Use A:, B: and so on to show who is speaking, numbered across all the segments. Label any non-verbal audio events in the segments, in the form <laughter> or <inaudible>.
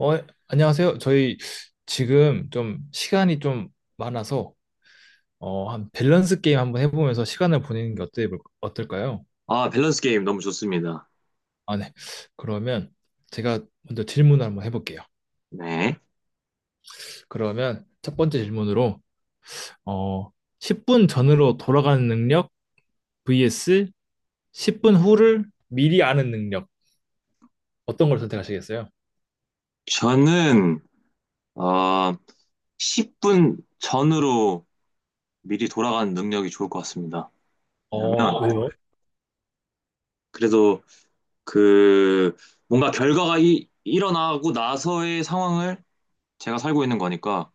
A: 어, 안녕하세요. 저희 지금 좀 시간이 좀 많아서 한 밸런스 게임 한번 해보면서 시간을 보내는 게 어떨까요?
B: 아, 밸런스 게임 너무 좋습니다.
A: 아, 네. 그러면 제가 먼저 질문을 한번 해볼게요.
B: 네.
A: 그러면 첫 번째 질문으로 어, 10분 전으로 돌아가는 능력 vs 10분 후를 미리 아는 능력, 어떤 걸 선택하시겠어요?
B: 저는, 어, 10분 전으로 미리 돌아가는 능력이 좋을 것 같습니다. 왜냐면,
A: 왜요?
B: 그래도 그, 뭔가 결과가 일어나고 나서의 상황을 제가 살고 있는 거니까,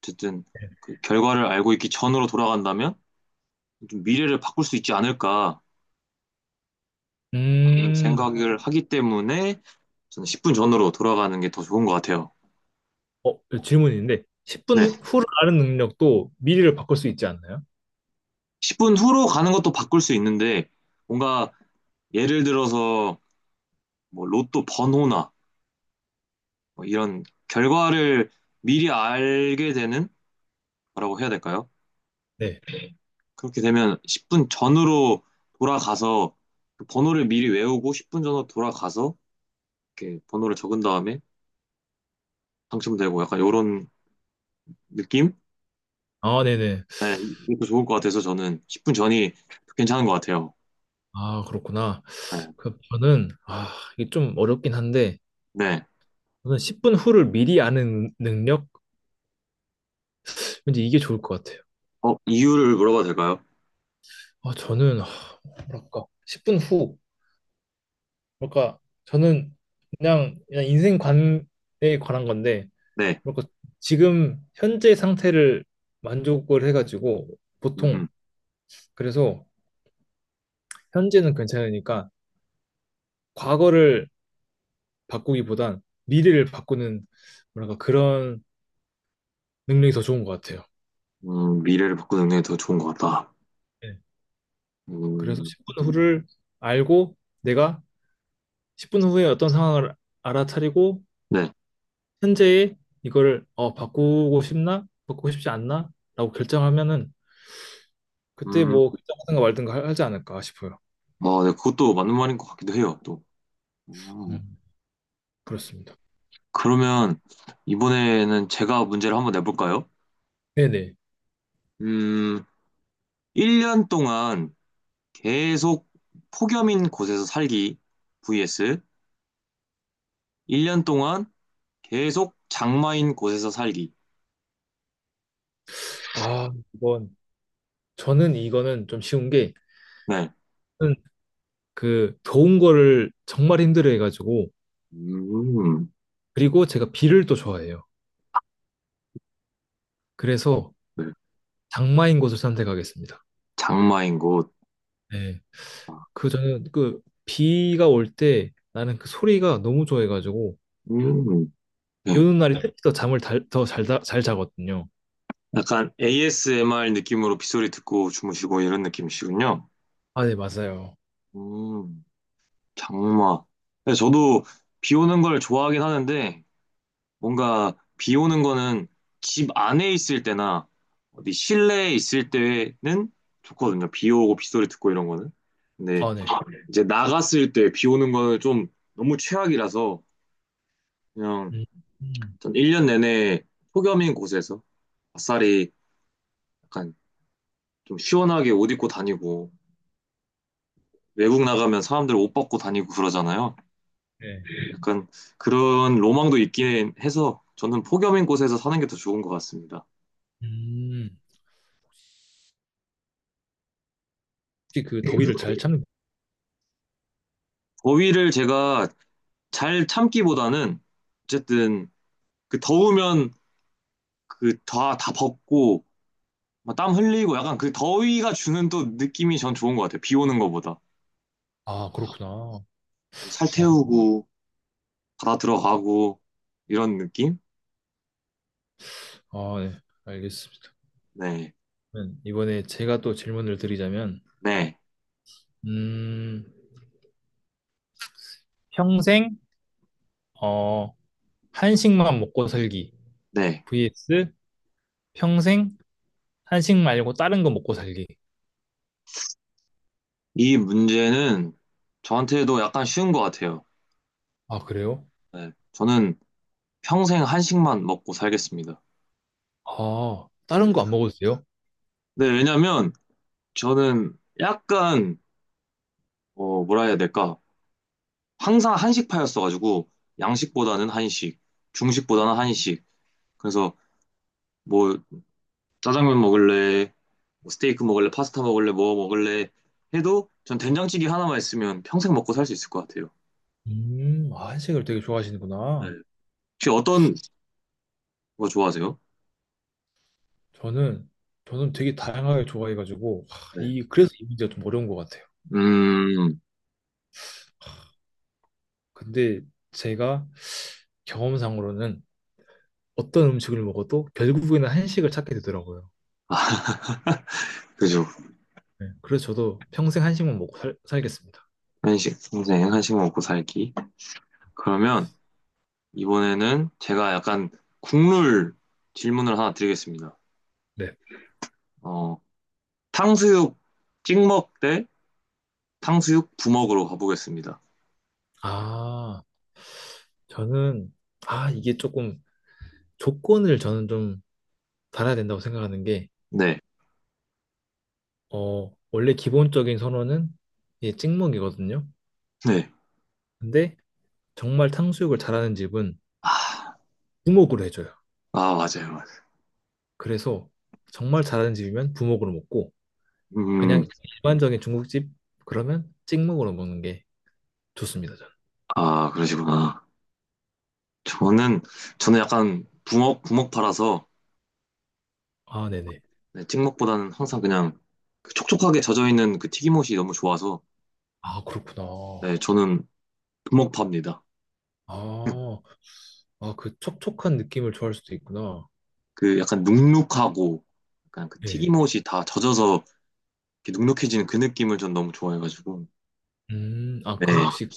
B: 어쨌든 그 결과를 알고 있기 전으로 돌아간다면, 좀 미래를 바꿀 수 있지 않을까
A: 음,
B: 생각을 하기 때문에, 저는 10분 전으로 돌아가는 게 더 좋은 것 같아요.
A: 질문인데
B: 네.
A: 10분 후를 아는 능력도 미리를 바꿀 수 있지 않나요?
B: 10분 후로 가는 것도 바꿀 수 있는데, 뭔가 예를 들어서 뭐 로또 번호나 뭐 이런 결과를 미리 알게 되는 거라고 해야 될까요?
A: 네.
B: 그렇게 되면 10분 전으로 돌아가서 그 번호를 미리 외우고 10분 전으로 돌아가서 이렇게 번호를 적은 다음에 당첨되고 약간 이런 느낌?
A: 아, 네네.
B: 이것도 좋을 것 같아서 저는 10분 전이 괜찮은 것 같아요.
A: 아, 그렇구나.
B: 네.
A: 그 저는 이게 좀 어렵긴 한데,
B: 네.
A: 저는 10분 후를 미리 아는 능력? 왠지 이게 좋을 것 같아요.
B: 어, 이유를 물어봐도 될까요?
A: 저는 뭐랄까 10분 후, 뭐랄까 저는 그냥 인생 관에 관한 건데,
B: 네.
A: 뭐랄까 지금 현재 상태를 만족을 해가지고
B: 음,
A: 보통, 그래서 현재는 괜찮으니까 과거를 바꾸기보단 미래를 바꾸는, 뭐랄까 그런 능력이 더 좋은 것 같아요.
B: 미래를 바꾸는 게 더 좋은 것 같다.
A: 네. 그래서
B: 음,
A: 10분 후를 알고 내가 10분 후에 어떤 상황을 알아차리고
B: 네.
A: 현재의 이거를, 바꾸고 싶나? 바꾸고 싶지 않나? 라고 결정하면은 그때
B: 음,
A: 뭐 결정하든가 말든가 하지 않을까 싶어요.
B: 어, 네, 그것도 맞는 말인 것 같기도 해요, 또. 음,
A: 음, 그렇습니다.
B: 그러면 이번에는 제가 문제를 한번 내볼까요?
A: 네네.
B: 음, 1년 동안 계속 폭염인 곳에서 살기 vs 1년 동안 계속 장마인 곳에서 살기.
A: 아, 이건, 저는 이거는 좀 쉬운 게,
B: 네.
A: 저는 그 더운 거를 정말 힘들어 해가지고,
B: 음,
A: 그리고 제가 비를 또 좋아해요. 그래서
B: 네.
A: 장마인 곳을 선택하겠습니다.
B: 장마인 곳.
A: 네.
B: 아,
A: 그 저는 그 비가 올 때 나는 그 소리가 너무 좋아해가지고,
B: 음,
A: 비
B: 네.
A: 오는 날이, 네, 특히 더 잠을 더잘 잘 자거든요.
B: 약간 ASMR 느낌으로 빗소리 듣고 주무시고 이런 느낌이시군요.
A: 아, 네, 맞아요.
B: 음. 장마. 근데 저도 비 오는 걸 좋아하긴 하는데, 뭔가 비 오는 거는 집 안에 있을 때나 어디 실내에 있을 때는 좋거든요. 비 오고 빗소리 듣고 이런 거는. 근데
A: 아, 네.
B: 이제 나갔을 때 비 오는 거는 좀 너무 최악이라서 그냥
A: 음, 음,
B: 전 1년 내내 폭염인 곳에서 아싸리 약간 좀 시원하게 옷 입고 다니고 외국 나가면 사람들 옷 벗고 다니고 그러잖아요.
A: 네.
B: 약간 그런 로망도 있긴 해서 저는 폭염인 곳에서 사는 게 더 좋은 것 같습니다.
A: 음, 혹시 그 더위를 잘 참는?
B: 더위를 제가 잘 참기보다는 어쨌든 그 더우면 그 다 벗고 막땀 흘리고 약간 그 더위가 주는 또 느낌이 전 좋은 것 같아요. 비 오는 것보다.
A: 아, 그렇구나.
B: 뭐 살
A: 아,
B: 태우고 바다 들어가고 이런 느낌?
A: 아, 네. 알겠습니다.
B: 네.
A: 그러면 이번에 제가 또 질문을 드리자면,
B: 네.
A: 음, 평생 어 한식만 먹고 살기
B: 네.
A: vs 평생 한식 말고 다른 거 먹고 살기.
B: 이 문제는 저한테도 약간 쉬운 것 같아요.
A: 아, 그래요?
B: 네. 저는 평생 한식만 먹고 살겠습니다.
A: 아,
B: 네.
A: 다른 거 안 먹어도 돼요?
B: 네, 왜냐면 저는 약간 어, 뭐라 해야 될까? 항상 한식파였어가지고 양식보다는 한식, 중식보다는 한식. 그래서 뭐 짜장면 먹을래, 뭐 스테이크 먹을래, 파스타 먹을래, 뭐 먹을래 해도 전 된장찌개 하나만 있으면 평생 먹고 살 수 있을 것 같아요.
A: 아, 한식을 되게
B: 네.
A: 좋아하시는구나.
B: 혹시 어떤 거 좋아하세요?
A: 저는, 저는 되게 다양하게 좋아해가지고, 하,
B: 네.
A: 이, 그래서 이 문제가 좀 어려운 것 같아요.
B: 음,
A: 근데 제가 경험상으로는 어떤 음식을 먹어도 결국에는 한식을 찾게 되더라고요.
B: 아, <laughs> 그죠.
A: 네, 그래서 저도 평생 한식만 먹고 살겠습니다.
B: 한식, 평생 한식 먹고 살기. 그러면 이번에는 제가 약간 국룰 질문을 하나 드리겠습니다.
A: 네.
B: 어, 탕수육 찍먹 대 탕수육 부먹으로 가보겠습니다.
A: 아, 저는, 이게 조금 조건을 저는 좀 달아야 된다고 생각하는 게,
B: 네,
A: 원래 기본적인 선호는 이게 찍먹이거든요.
B: 네.
A: 근데 정말 탕수육을 잘하는 집은
B: 아,
A: 부먹으로 해줘요.
B: 아, 맞아요, 맞아요.
A: 그래서 정말 잘하는 집이면 부먹으로 먹고,
B: 음,
A: 그냥 일반적인 중국집 그러면 찍먹으로 먹는 게 좋습니다, 저는.
B: 아, 그러시구나. 저는, 저는 약간 부먹 팔아서,
A: 아, 네네.
B: 네, 찍먹보다는 항상 그냥 그 촉촉하게 젖어있는 그 튀김옷이 너무 좋아서,
A: 아, 그렇구나.
B: 네, 저는 부먹 팝니다.
A: 아, 아, 그 촉촉한 느낌을 좋아할 수도 있구나.
B: 그 약간 눅눅하고, 약간 그
A: 예.
B: 튀김옷이 다 젖어서 이렇게 눅눅해지는 그 느낌을 전 너무 좋아해가지고,
A: 아,
B: 네.
A: 그럼 혹시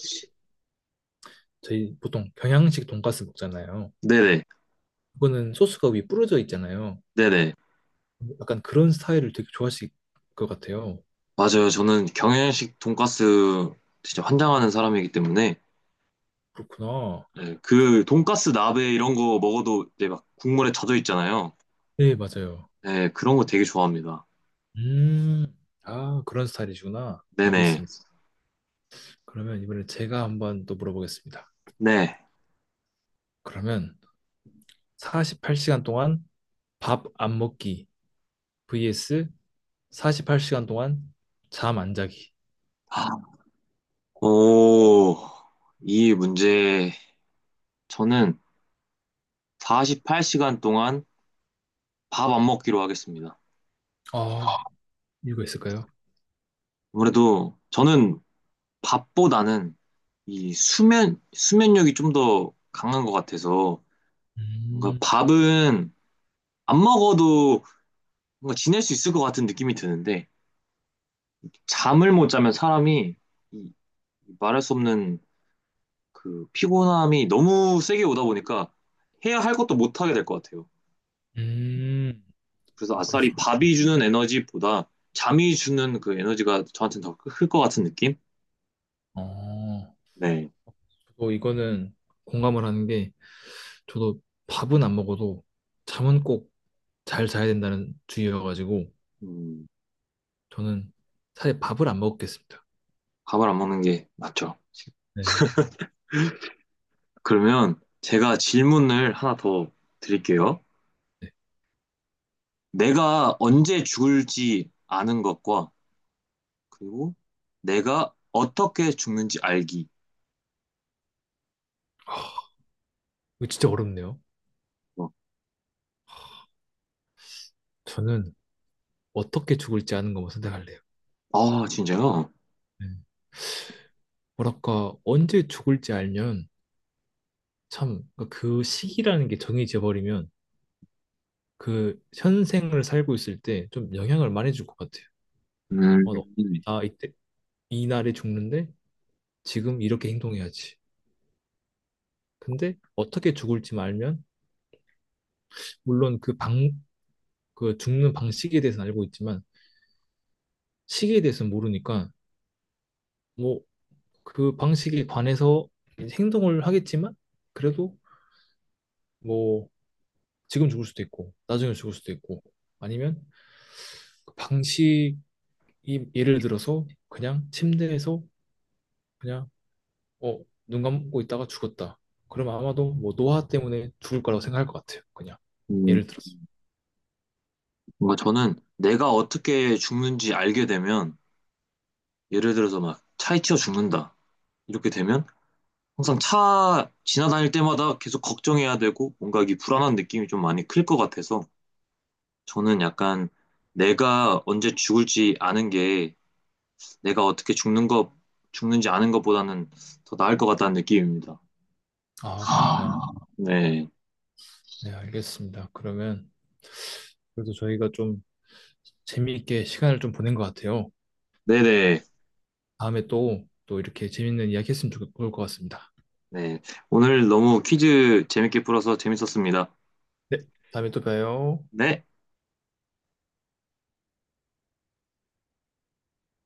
A: 저희 보통 경양식 돈가스 먹잖아요.
B: 네네,
A: 그거는 소스가 위에 뿌려져 있잖아요.
B: 네네.
A: 약간 그런 스타일을 되게 좋아하실 것 같아요.
B: 맞아요. 저는 경양식 돈가스 진짜 환장하는 사람이기 때문에
A: 그렇구나.
B: 네, 그 돈가스 나베 이런 거 먹어도 이제 막 국물에 젖어 있잖아요.
A: 네, 맞아요.
B: 네, 그런 거 되게 좋아합니다.
A: 음, 아, 그런 스타일이시구나.
B: 네네.
A: 알겠습니다. 그러면 이번에 제가 한번 또 물어보겠습니다.
B: 네.
A: 그러면 48시간 동안 밥 안 먹기 vs 48시간 동안 잠 안 자기.
B: 아, 오, 이 문제 저는 48시간 동안 밥 안 먹기로 하겠습니다.
A: 아, 이유가 있을까요?
B: 아무래도 저는 밥보다는 이 수면력이 좀 더 강한 것 같아서 뭔가
A: 음,
B: 밥은 안 먹어도 뭔가 지낼 수 있을 것 같은 느낌이 드는데 잠을 못 자면 사람이 이- 이 말할 수 없는 그 피곤함이 너무 세게 오다 보니까 해야 할 것도 못 하게 될 것 같아요.
A: 음,
B: 그래서
A: 아, 그럴 수,
B: 아싸리 밥이 주는 에너지보다 잠이 주는 그 에너지가 저한테는 더 클 것 같은 느낌?
A: 어,
B: 네.
A: 저도 이거는 공감을 하는 게, 저도 밥은 안 먹어도 잠은 꼭 잘 자야 된다는 주의여가지고
B: 음,
A: 저는 사실 밥을 안 먹겠습니다.
B: 밥을 안 먹는 게 맞죠.
A: 네,
B: 그러면 제가 질문을 하나 더 드릴게요.
A: 네.
B: 내가 언제 죽을지 아는 것과 그리고 내가 어떻게 죽는지 알기.
A: 이거 진짜 어렵네요.
B: 어,
A: 저는 어떻게 죽을지 아는 것만 선택할래요.
B: 아, 진짜요?
A: 네. 뭐랄까 언제 죽을지 알면 참, 그 시기라는 게 정해져 버리면 그 현생을 살고 있을 때 좀 영향을 많이 줄 것 같아요. 어차피
B: 음,
A: 나 이때 이 날에 죽는데 지금 이렇게 행동해야지. 근데 어떻게 죽을지 알면, 물론 그 방 그 죽는 방식에 대해서는 알고 있지만 시기에 대해서는 모르니까, 뭐 그 방식에 관해서 행동을 하겠지만, 그래도 뭐 지금 죽을 수도 있고 나중에 죽을 수도 있고, 아니면 그 방식, 이, 예를 들어서 그냥 침대에서 그냥 어, 눈 감고 있다가 죽었다. 그럼 아마도 뭐 노화 때문에 죽을 거라고 생각할 것 같아요. 그냥
B: 음,
A: 예를 들어서.
B: 뭔가 저는 내가 어떻게 죽는지 알게 되면, 예를 들어서 막 차에 치여 죽는다. 이렇게 되면 항상 차 지나다닐 때마다 계속 걱정해야 되고, 뭔가 이 불안한 느낌이 좀 많이 클 것 같아서, 저는 약간 내가 언제 죽을지 아는 게, 내가 어떻게 죽는지 아는 것보다는 더 나을 것 같다는 느낌입니다.
A: 아,
B: 아,
A: 그렇구나.
B: 네.
A: 네, 알겠습니다. 그러면, 그래도 저희가 좀 재미있게 시간을 좀 보낸 것 같아요.
B: 네네.
A: 다음에 또, 또 이렇게 재밌는 이야기 했으면 좋을 것 같습니다.
B: 네. 오늘 너무 퀴즈 재밌게 풀어서 재밌었습니다.
A: 네, 다음에 또 봬요.
B: 네.